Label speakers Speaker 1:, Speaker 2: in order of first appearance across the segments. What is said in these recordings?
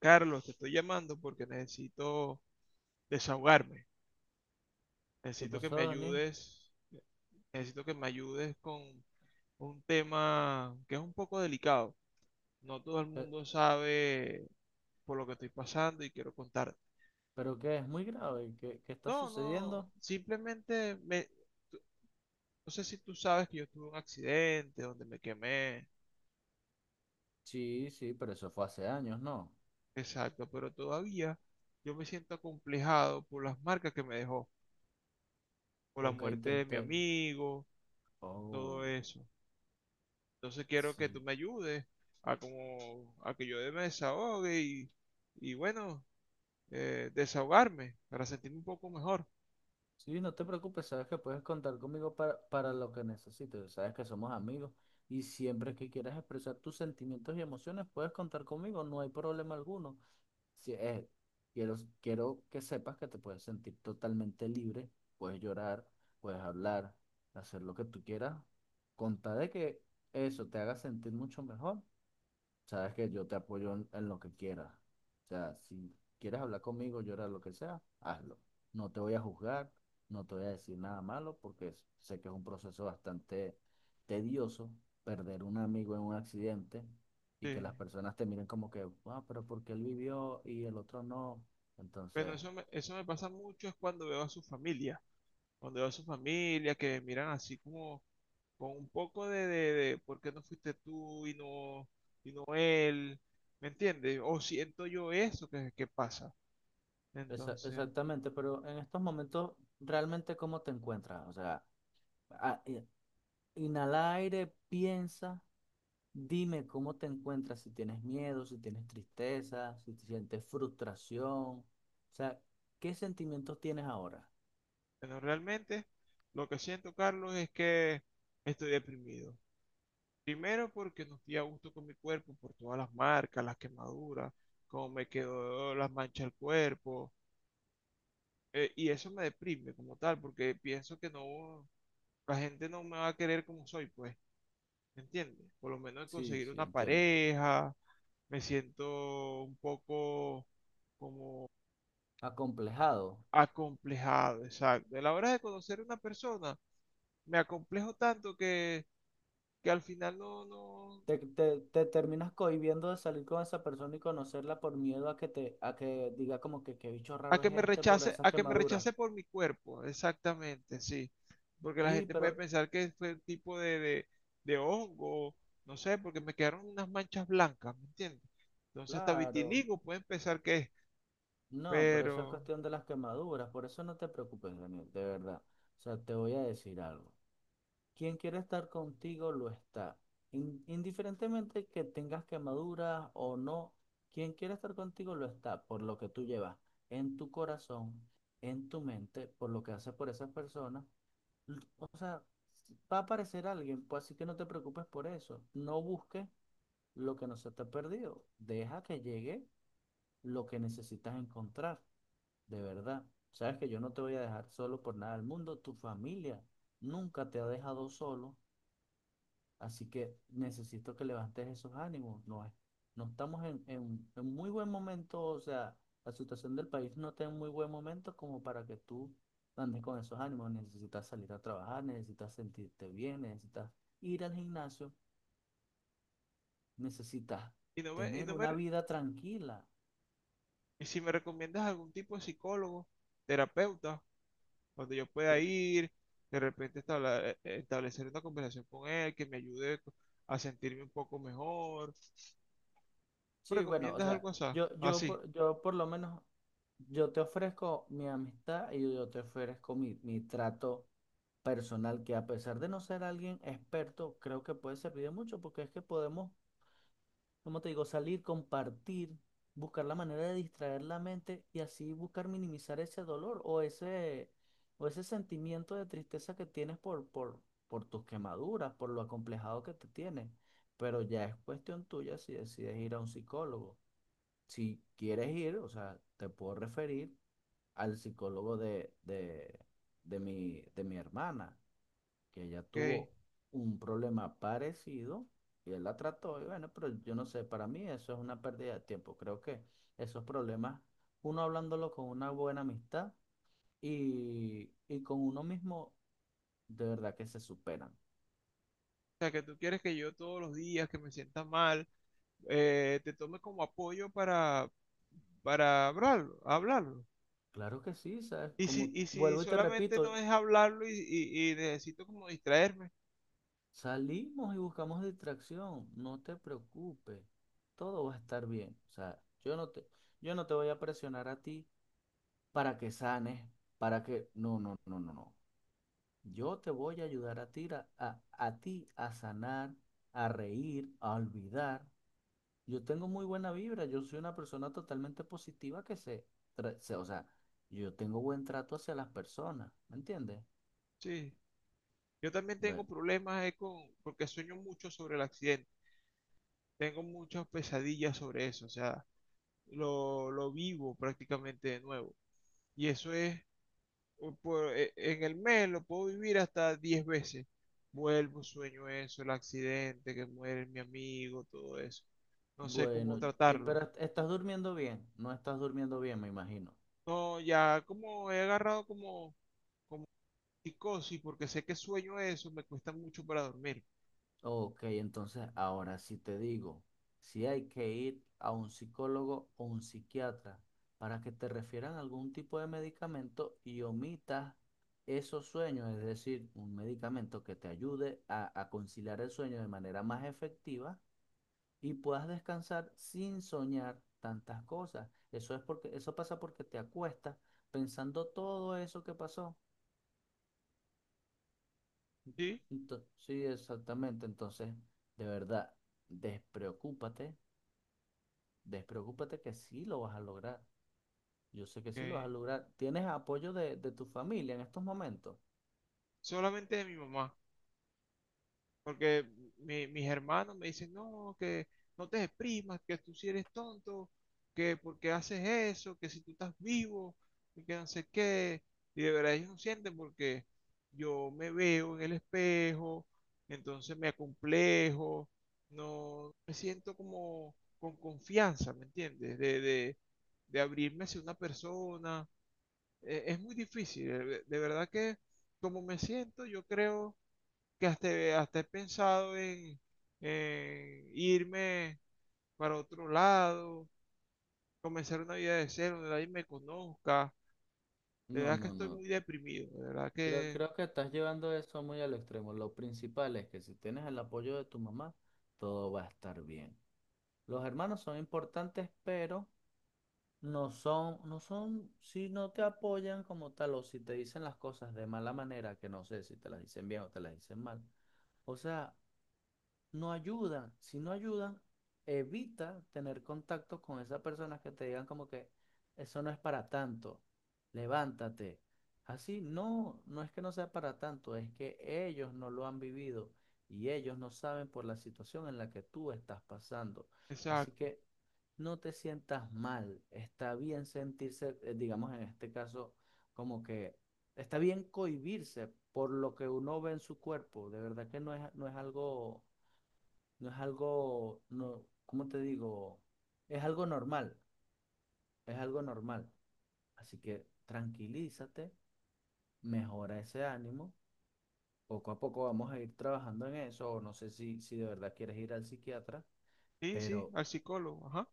Speaker 1: Carlos, te estoy llamando porque necesito desahogarme.
Speaker 2: ¿Qué
Speaker 1: Necesito que me
Speaker 2: pasó, Daniel?
Speaker 1: ayudes. Necesito que me ayudes con un tema que es un poco delicado. No todo el
Speaker 2: ¿Pe-
Speaker 1: mundo sabe por lo que estoy pasando y quiero contarte.
Speaker 2: ¿Pero qué? ¿Es muy grave? ¿Qué está
Speaker 1: No, no,
Speaker 2: sucediendo?
Speaker 1: simplemente tú- no sé si tú sabes que yo tuve un accidente donde me quemé,
Speaker 2: Sí, sí, pero eso fue hace años, ¿no?
Speaker 1: exacto, pero todavía yo me siento acomplejado por las marcas que me dejó, por la
Speaker 2: Ok,
Speaker 1: muerte
Speaker 2: te,
Speaker 1: de mi
Speaker 2: te...
Speaker 1: amigo,
Speaker 2: Oh,
Speaker 1: todo eso. Entonces quiero que tú
Speaker 2: sí.
Speaker 1: me ayudes a como a que yo me desahogue y bueno, desahogarme para sentirme un poco mejor.
Speaker 2: Sí, no te preocupes, sabes que puedes contar conmigo para lo que necesites, sabes que somos amigos y siempre que quieras expresar tus sentimientos y emociones puedes contar conmigo, no hay problema alguno. Si, quiero que sepas que te puedes sentir totalmente libre, puedes llorar, puedes hablar, hacer lo que tú quieras, con tal de que eso te haga sentir mucho mejor. Sabes que yo te apoyo en lo que quieras. O sea, si quieres hablar conmigo, llorar, lo que sea, hazlo. No te voy a juzgar, no te voy a decir nada malo, porque sé que es un proceso bastante tedioso perder un amigo en un accidente y que
Speaker 1: Eh,
Speaker 2: las personas te miren como que, ah, pero porque él vivió y el otro no.
Speaker 1: pero
Speaker 2: Entonces,
Speaker 1: eso me, eso me pasa mucho es cuando veo a su familia, cuando veo a su familia que me miran así como con un poco de, ¿por qué no fuiste tú y no él? ¿Me entiendes? O siento yo eso que pasa. Entonces,
Speaker 2: Exactamente, pero en estos momentos, ¿realmente cómo te encuentras? O sea, a- eh, inhala aire, piensa, dime cómo te encuentras, si tienes miedo, si tienes tristeza, si te sientes frustración. O sea, ¿qué sentimientos tienes ahora?
Speaker 1: bueno, realmente lo que siento, Carlos, es que estoy deprimido. Primero porque no estoy a gusto con mi cuerpo por todas las marcas, las quemaduras, cómo me quedó las manchas del cuerpo. Y eso me deprime como tal, porque pienso que no, la gente no me va a querer como soy, pues, ¿me entiendes? Por lo menos
Speaker 2: Sí,
Speaker 1: conseguir
Speaker 2: sí,
Speaker 1: una
Speaker 2: entiendo.
Speaker 1: pareja, me siento un poco como
Speaker 2: Acomplejado.
Speaker 1: acomplejado, exacto. A la hora de conocer a una persona, me acomplejo tanto que al final no, no,
Speaker 2: Te terminas cohibiendo de salir con esa persona y conocerla por miedo a que te, a que diga como que qué bicho
Speaker 1: a
Speaker 2: raro
Speaker 1: que
Speaker 2: es
Speaker 1: me
Speaker 2: este por
Speaker 1: rechace,
Speaker 2: esas
Speaker 1: a que me
Speaker 2: quemaduras.
Speaker 1: rechace por mi cuerpo, exactamente, sí. Porque la
Speaker 2: Sí,
Speaker 1: gente puede
Speaker 2: pero
Speaker 1: pensar que fue un tipo de hongo, no sé, porque me quedaron unas manchas blancas, ¿me entiendes? Entonces hasta
Speaker 2: claro.
Speaker 1: vitiligo pueden pensar que es,
Speaker 2: No, pero eso es
Speaker 1: pero...
Speaker 2: cuestión de las quemaduras, por eso no te preocupes, Daniel, de verdad. O sea, te voy a decir algo. Quien quiere estar contigo lo está. Indiferentemente que tengas quemaduras o no, quien quiere estar contigo lo está por lo que tú llevas en tu corazón, en tu mente, por lo que haces por esas personas. O sea, va a aparecer alguien, pues así que no te preocupes por eso. No busques lo que no se te ha perdido. Deja que llegue lo que necesitas encontrar. De verdad, sabes que yo no te voy a dejar solo por nada del mundo. Tu familia nunca te ha dejado solo, así que necesito que levantes esos ánimos. No es, no estamos en muy buen momento, o sea, la situación del país no está en muy buen momento como para que tú andes con esos ánimos. Necesitas salir a trabajar, necesitas sentirte bien, necesitas ir al gimnasio, necesitas
Speaker 1: Y, no me, y,
Speaker 2: tener
Speaker 1: no me,
Speaker 2: una
Speaker 1: re-
Speaker 2: vida tranquila.
Speaker 1: y si me recomiendas algún tipo de psicólogo, terapeuta, donde yo pueda ir, de repente establecer una conversación con él, que me ayude a sentirme un poco mejor, ¿me
Speaker 2: Sí, bueno, o
Speaker 1: recomiendas
Speaker 2: sea,
Speaker 1: algo
Speaker 2: yo, yo,
Speaker 1: así?
Speaker 2: por- yo por lo menos, yo te ofrezco mi amistad y yo te ofrezco mi trato personal, que a pesar de no ser alguien experto, creo que puede servir de mucho, porque es que podemos, como te digo, salir, compartir, buscar la manera de distraer la mente y así buscar minimizar ese dolor o ese sentimiento de tristeza que tienes por tus quemaduras, por lo acomplejado que te tienes. Pero ya es cuestión tuya si decides ir a un psicólogo si quieres ir, o sea, te puedo referir al psicólogo de mi hermana, que ella
Speaker 1: Ok.
Speaker 2: tuvo un problema parecido y él la trató. Y bueno, pero yo no sé, para mí eso es una pérdida de tiempo. Creo que esos problemas, uno hablándolo con una buena amistad y con uno mismo, de verdad que se superan.
Speaker 1: O sea, que tú quieres que yo todos los días, que me sienta mal, te tome como apoyo para hablarlo, hablarlo.
Speaker 2: Claro que sí, ¿sabes? Como
Speaker 1: Y si
Speaker 2: vuelvo y te
Speaker 1: solamente
Speaker 2: repito,
Speaker 1: no es hablarlo y y necesito como distraerme,
Speaker 2: salimos y buscamos distracción, no te preocupes, todo va a estar bien. O sea, yo no te voy a presionar a ti para que sanes, para que... No, no, no, no, no. Yo te voy a ayudar a ti a sanar, a reír, a olvidar. Yo tengo muy buena vibra, yo soy una persona totalmente positiva que se, o sea, yo tengo buen trato hacia las personas, ¿me entiendes?
Speaker 1: sí. Yo también tengo
Speaker 2: Bueno,
Speaker 1: problemas porque sueño mucho sobre el accidente. Tengo muchas pesadillas sobre eso, o sea, lo vivo prácticamente de nuevo. Y eso es en el mes lo puedo vivir hasta 10 veces. Vuelvo, sueño eso, el accidente, que muere mi amigo, todo eso. No sé cómo
Speaker 2: bueno, y,
Speaker 1: tratarlo.
Speaker 2: pero estás durmiendo bien, no estás durmiendo bien, me imagino.
Speaker 1: No, ya como he agarrado como psicosis, porque sé que sueño eso, me cuesta mucho para dormir.
Speaker 2: Ok, entonces ahora sí te digo, si hay que ir a un psicólogo o un psiquiatra para que te refieran algún tipo de medicamento y omitas esos sueños, es decir, un medicamento que te ayude a conciliar el sueño de manera más efectiva y puedas descansar sin soñar tantas cosas. Eso es porque, eso pasa porque te acuestas pensando todo eso que pasó.
Speaker 1: ¿Sí?
Speaker 2: Sí, exactamente. Entonces, de verdad, despreocúpate. Despreocúpate que sí lo vas a lograr. Yo sé que sí lo vas
Speaker 1: Que
Speaker 2: a lograr. ¿Tienes apoyo de tu familia en estos momentos?
Speaker 1: solamente de mi mamá. Porque mis hermanos me dicen, no, que no te exprimas, que tú si eres tonto, que porque haces eso, que si tú estás vivo, y que no sé qué. Y de verdad ellos no sienten porque yo me veo en el espejo, entonces me acomplejo, no me siento como con confianza, ¿me entiendes? De abrirme hacia una persona. Es muy difícil, de verdad que como me siento, yo creo que hasta, hasta he pensado en irme para otro lado, comenzar una vida de cero, donde nadie me conozca. De
Speaker 2: No,
Speaker 1: verdad que
Speaker 2: no,
Speaker 1: estoy
Speaker 2: no.
Speaker 1: muy deprimido, de verdad
Speaker 2: Creo,
Speaker 1: que,
Speaker 2: creo que estás llevando eso muy al extremo. Lo principal es que si tienes el apoyo de tu mamá, todo va a estar bien. Los hermanos son importantes, pero no son, si no te apoyan como tal o si te dicen las cosas de mala manera, que no sé si te las dicen bien o te las dicen mal. O sea, no ayuda. Si no ayuda, evita tener contacto con esas personas que te digan como que eso no es para tanto, levántate. Así, no, no es que no sea para tanto, es que ellos no lo han vivido y ellos no saben por la situación en la que tú estás pasando. Así
Speaker 1: exacto.
Speaker 2: que no te sientas mal, está bien sentirse, digamos en este caso, como que está bien cohibirse por lo que uno ve en su cuerpo, de verdad que no es algo no es algo, no, ¿cómo te digo? Es algo normal, es algo normal. Así que tranquilízate, mejora ese ánimo. Poco a poco vamos a ir trabajando en eso, o no sé si de verdad quieres ir al psiquiatra,
Speaker 1: Sí, sí,
Speaker 2: pero
Speaker 1: al psicólogo, ajá,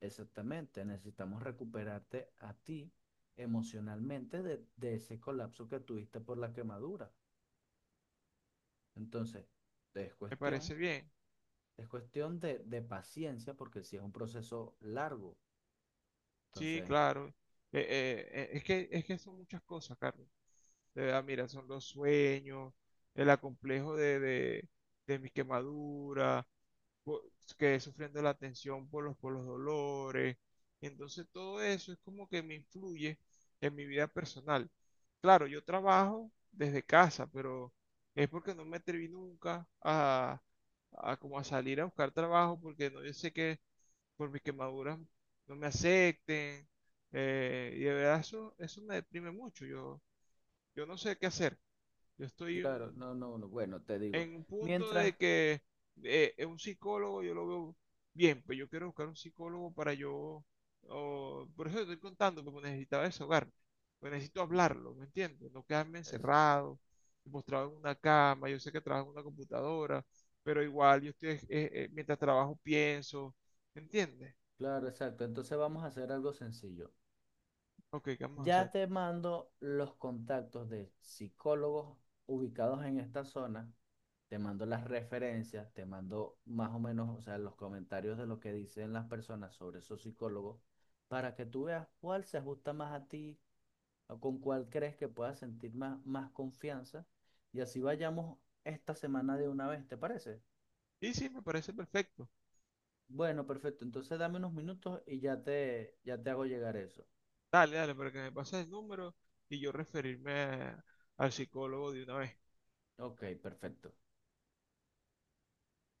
Speaker 2: exactamente, necesitamos recuperarte a ti emocionalmente de ese colapso que tuviste por la quemadura. Entonces, es
Speaker 1: me parece
Speaker 2: cuestión,
Speaker 1: bien.
Speaker 2: es cuestión de paciencia, porque si es un proceso largo,
Speaker 1: Sí,
Speaker 2: entonces...
Speaker 1: claro. Es que son muchas cosas, Carlos. De verdad, mira, son los sueños, el acomplejo de mi quemadura, po- quedé sufriendo la tensión por por los dolores. Entonces todo eso es como que me influye en mi vida personal. Claro, yo trabajo desde casa, pero es porque no me atreví nunca a como a salir a buscar trabajo porque no, yo sé que por mis quemaduras no me acepten. Y de verdad eso me deprime mucho. Yo no sé qué hacer. Yo estoy
Speaker 2: Claro,
Speaker 1: un-
Speaker 2: no, no, no, bueno, te digo,
Speaker 1: en un punto
Speaker 2: mientras,
Speaker 1: de que un psicólogo yo lo veo bien, pues yo quiero buscar un psicólogo para por eso te estoy contando, porque necesitaba desahogarme, pues necesito hablarlo, ¿me entiendes? No quedarme
Speaker 2: es-
Speaker 1: encerrado, postrado en una cama, yo sé que trabajo en una computadora, pero igual yo estoy, mientras trabajo pienso, ¿me entiendes?
Speaker 2: claro, exacto, entonces vamos a hacer algo sencillo.
Speaker 1: Ok, ¿qué vamos a
Speaker 2: Ya
Speaker 1: hacer?
Speaker 2: te mando los contactos de psicólogos ubicados en esta zona, te mando las referencias, te mando más o menos, o sea, los comentarios de lo que dicen las personas sobre esos psicólogos, para que tú veas cuál se ajusta más a ti o con cuál crees que puedas sentir más, más confianza y así vayamos esta semana de una vez, ¿te parece?
Speaker 1: Y sí, me parece perfecto.
Speaker 2: Bueno, perfecto. Entonces dame unos minutos y ya te hago llegar eso.
Speaker 1: Dale, dale, para que me pases el número y yo al psicólogo de una vez.
Speaker 2: Ok, perfecto.